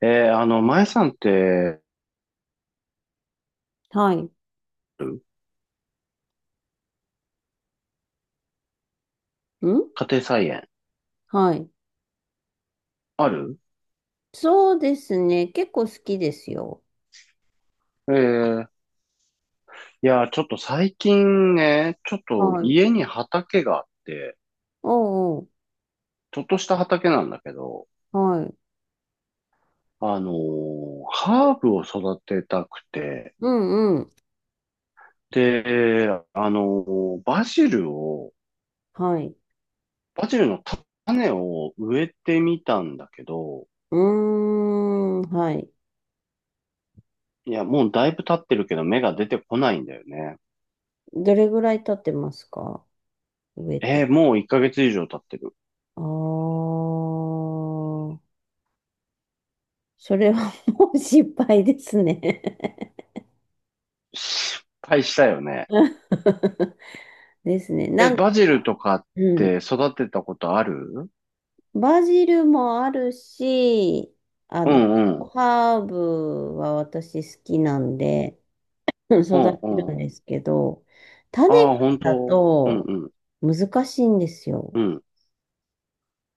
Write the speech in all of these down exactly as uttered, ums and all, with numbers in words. えー、あの、前さんって、はい。ん家庭菜園、はい。ある？そうですね。結構好きですよ。えー、いや、ちょっと最近ね、ちょっとはい。家に畑があって、おうおう。ちょっとした畑なんだけど、はい。あのーハーブを育てたくて、うんうん。で、あのーバジルを、はい。バジルの種を植えてみたんだけど、うーん。はい。いや、もうだいぶ経ってるけど芽が出てこないんだよね。どれぐらい経ってますか、植えて。えーもういっかげつ以上経ってる。あー。それはもう失敗ですね。 失敗したよね。ですね。え、なんか、バジルとかっうん。て育てたことある？バジルもあるし、あうの、んうん。ハーブは私好きなんで、うんう育んてるうんん。ですけど、種ああ、か本らだ当？うんとうん。難しいんですよ。うん。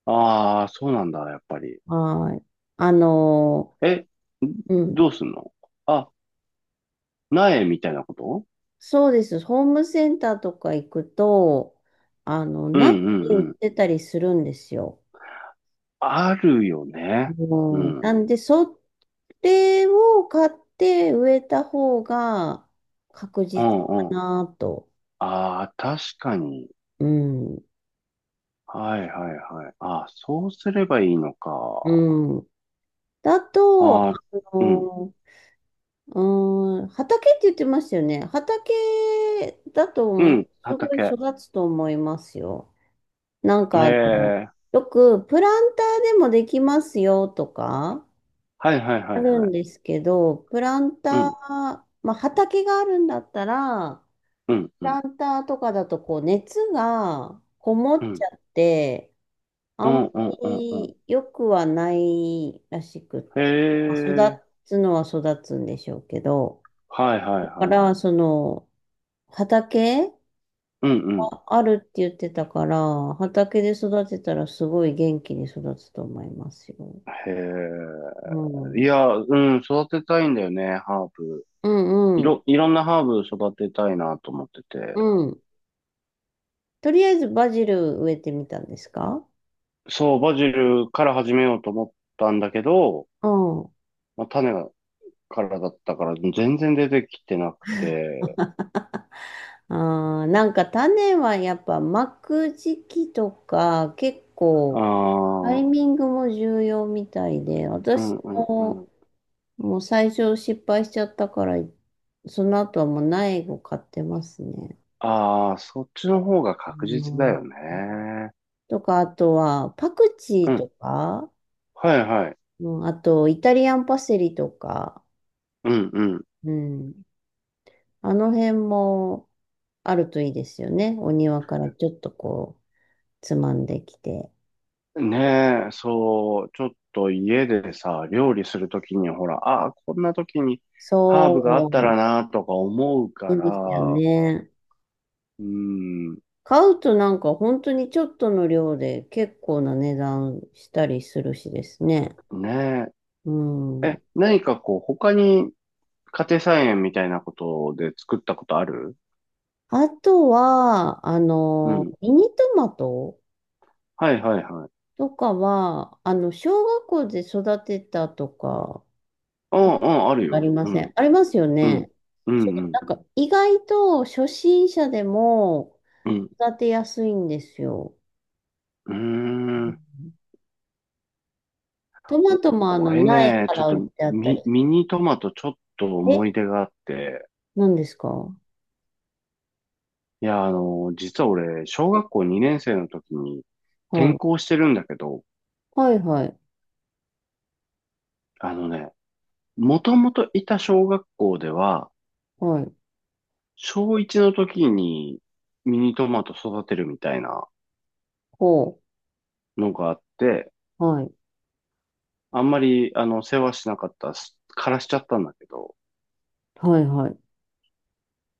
ああ、そうなんだ、やっぱり。はい。あの、え、うん。どうすんの？あ、苗みたいなこと？そうです。ホームセンターとか行くと、あの、うん苗うんう売っん。てたりするんですよ。あるよね。ううん。ん。うなんで、それを買って植えた方が確実んかうん。なと。ああ、確かに。うん。はいはいはい。ああ、そうすればいいのか。うん。だと、あああ、うん。の、うーん、畑って言ってましたよね。畑だとう思う、ん、すごい畑。育つと思いますよ。なんへか、あのえ。よくプランターでもできますよとかはいはいはあいるはんい。ですけど、プランうター、ん、まあ、畑があるんだったら、うん、プうん、ランターとかだとこう熱がこもうっちん。ゃって、うあんん、まうん、うん、うん。り良くはないらしく、へまあえ、育つのは育つんでしょうけど、はいはいだかはい。ら、その、畑うんうん。があるって言ってたから、畑で育てたらすごい元気に育つと思いますよ。へえ。うん。いや、うん、育てたいんだよね、ハーブ。ういんうん。ろ、いろんなハーブ育てたいなと思ってて。うん。とりあえずバジル植えてみたんですか？そう、バジルから始めようと思ったんだけど、うん。まあ、種からだったから全然出てきてなくて。ああ、なんか種はやっぱ巻く時期とか結あ構タあ、イミングも重要みたいで、うん私うんうもん。もう最初失敗しちゃったから、その後はもう苗を買ってますね。ああ、そっちの方がう確実だんよね。とか、あとは、パクチうーん。とか、はいはい。うん、あと、イタリアンパセリとか、うんうん。うん。あの辺もあるといいですよね。お庭からちょっとこう、つまんできて。ねえ、そう、ちょっと家でさ、料理するときに、ほら、ああ、こんなときにそハーブがあったらな、とか思うう、かいいですよら、ね。うん、買うとなんか本当にちょっとの量で結構な値段したりするしですね。ねうえ。ん。え、何かこう、他に家庭菜園みたいなことで作ったことある？あとは、あうの、ん。ミニトマトはいはいはい。とかは、あの、小学校で育てたとか、うちょっんとうん、あるあよ。りまうせん、ん、ありますようん、ね。うそん、う、うん、なんか、意外と初心者でもうん。育てやすいんですよ。うーん。トマおトも、あの、俺苗ね、かちょらっと売ってあったミ、り。ミニトマトちょっとえ、思い出があって、何ですか？はいや、あの、実は俺、小学校にねん生の時に転校い。してるんだけど、はいはい。あのね、もともといた小学校では、はい。小いちの時にミニトマト育てるみたいなほのがあって、う。はい。あんまり、あの、世話しなかった、す枯らしちゃったんだけど、はいはい。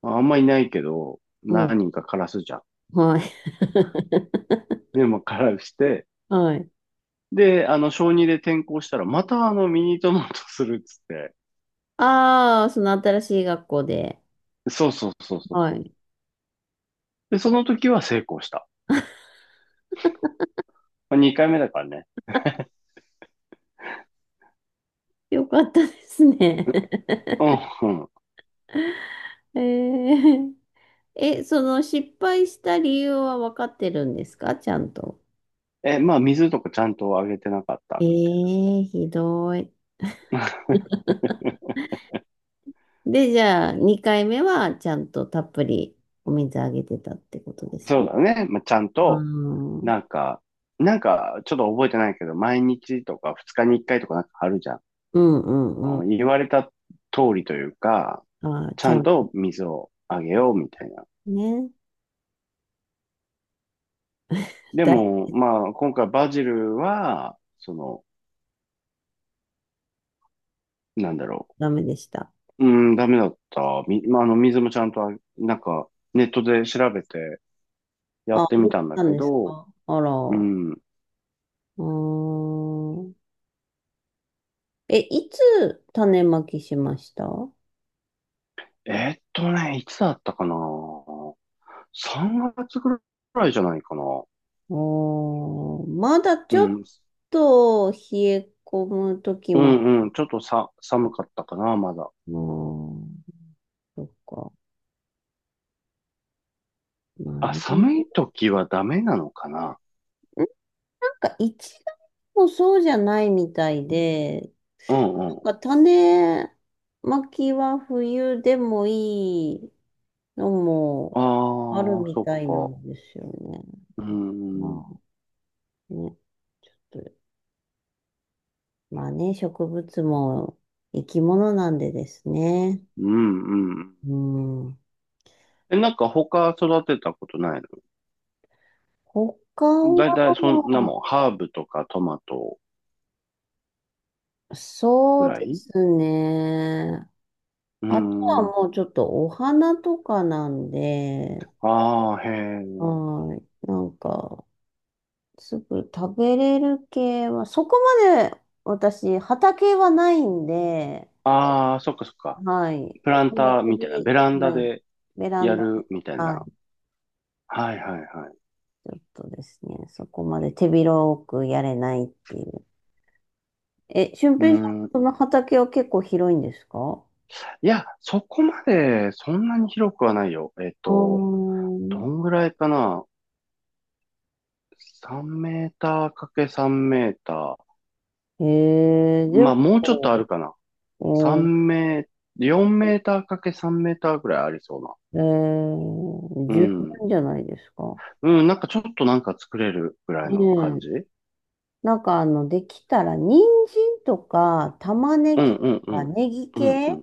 まあんまいないけど、うん。何人か枯らすじゃん。はい。で、も枯らして、はい。で、あの、小にで転校したら、またあの、ミニトマトするっつって、ああ、その新しい学校で。そうそうそうそうはそう。い。で、その時は成功した。にかいめだからね。よかったですね。うん、うん。ええ。え、その失敗した理由は分かってるんですか、ちゃんと。え、まあ、水とかちゃんとあげてなかっえたみたいえ、ひどい。で、じゃあ、にかいめはちゃんとたっぷりお水あげてたってことでな。すそうね。だね。まあ、ちゃんうと、ん、うんなんか、なんか、ちょっと覚えてないけど、毎日とかふつかにいっかいとかなんかあるじゃん。うんううんん。言われた通りというか、あー、ちちゃゃんんとと水をあげようみたいな。ね。でだ、も、まあ、今回バジルは、その、なんだろダメでした。う。うん、ダメだった。み、まあ、あの、水もちゃんとあ、なんか、ネットで調べてやあ、あってげみたんだたんけですど、か、あら。ううん、ーん。え、いつ種まきしました？えーっとね、いつだったかな ?さん 月ぐらいじゃないかな。おー、まだうちょっん。と冷え込む時うも。んうん。ちょっとさ、寒かったかな、まだ。もう、そっか。まああ、ね。ん寒い時はダメなのかな？なんか一概にもそうじゃないみたいで、うんうん。なんか種まきは冬でもいいのあもあるあ、みそったいなか。んですよね。うん。まあね。ちょっと、まあね、植物も生き物なんでですね。うんうん。うん。え、なんか他育てたことない他の？だいたいそんなは、もん、ハーブとかトマトぐそうらでい？すね。うあとはん。もうちょっとお花とかなんで、ああ、へえ。はい。なんか、すぐ食べれる系は、そこまで私、畑はないんで、ああ、そっかそっか。はい。プランそんなター手みたいな、び、ベランダはい。でベラやンダで、るみたいはな？い。はいはいはい。ちょっとですね、そこまで手広くやれないっていう。え、俊うー平さん、ん。その畑は結構広いんですか？いや、そこまでそんなに広くはないよ。えっあと、どー。んぐらいかな ?さん メーターかけさんメーター。へえ、でまあ、もうちょっとあも、るかな。うん、さんメー、よんメーターかけさんメーターぐらいありそうな。えー、う十ん。分じゃないですか。うん、なんかちょっとなんか作れるぐらいねの感え。じ？うんなんかあの、できたら、人参とか、玉ねうんぎとうん。うか、んネギうん。系、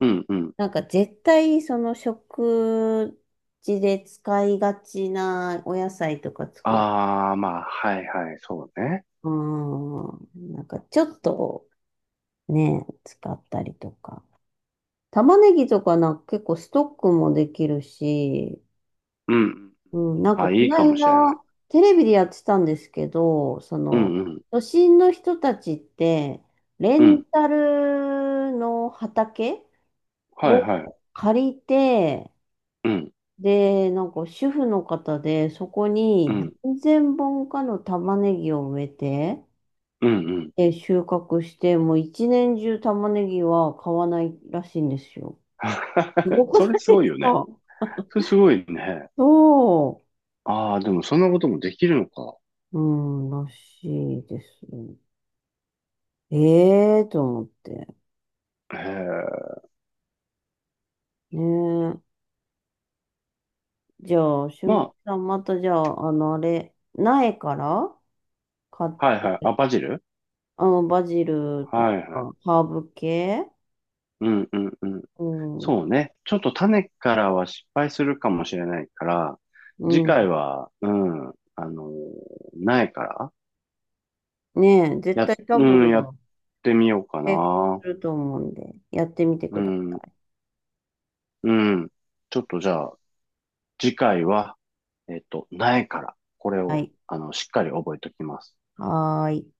うんうん。なんか絶対、その食事で使いがちなお野菜とか作り。ああ、まあ、はいはい、そうね。うん。なんかちょっとね、使ったりとか。玉ねぎとかなんか結構ストックもできるし、うん。うん、なんかあ、こいいのかもしれない。間、テレビでやってたんですけど、そうの、んうん。都心の人たちって、レうンん。タルの畑はいをはい。借りて、うん。で、なんか主婦の方で、そこうにん。なんぜんぼんかの玉ねぎを植えて、うんうん。で、収穫して、もう一年中玉ねぎは買わないらしいんですよ。す ごくそれなすいごでいすよね。か？それすごいね。そああ、でもそんなこともできるのか。う。うん、らしいですね。ええと思って。へえ。ねえ。じゃあ、しゅんまさん、またじゃあ、あの、あれ、苗から買っあ、はいはい。て、あ、バジル？あの、バジルとはいはい。か、ハーブ系。うんうんうん。うん。そうね。ちょっと種からは失敗するかもしれないから、う次回ん。は、うん、あの苗から、ねえ、絶や、対多うん、やっ分、てみようか成功な。すると思うんで、やってみてうくださん、い。うん。ちょっとじゃあ、次回は、えっと、苗から、これはを、い。あの、しっかり覚えておきます。はーい。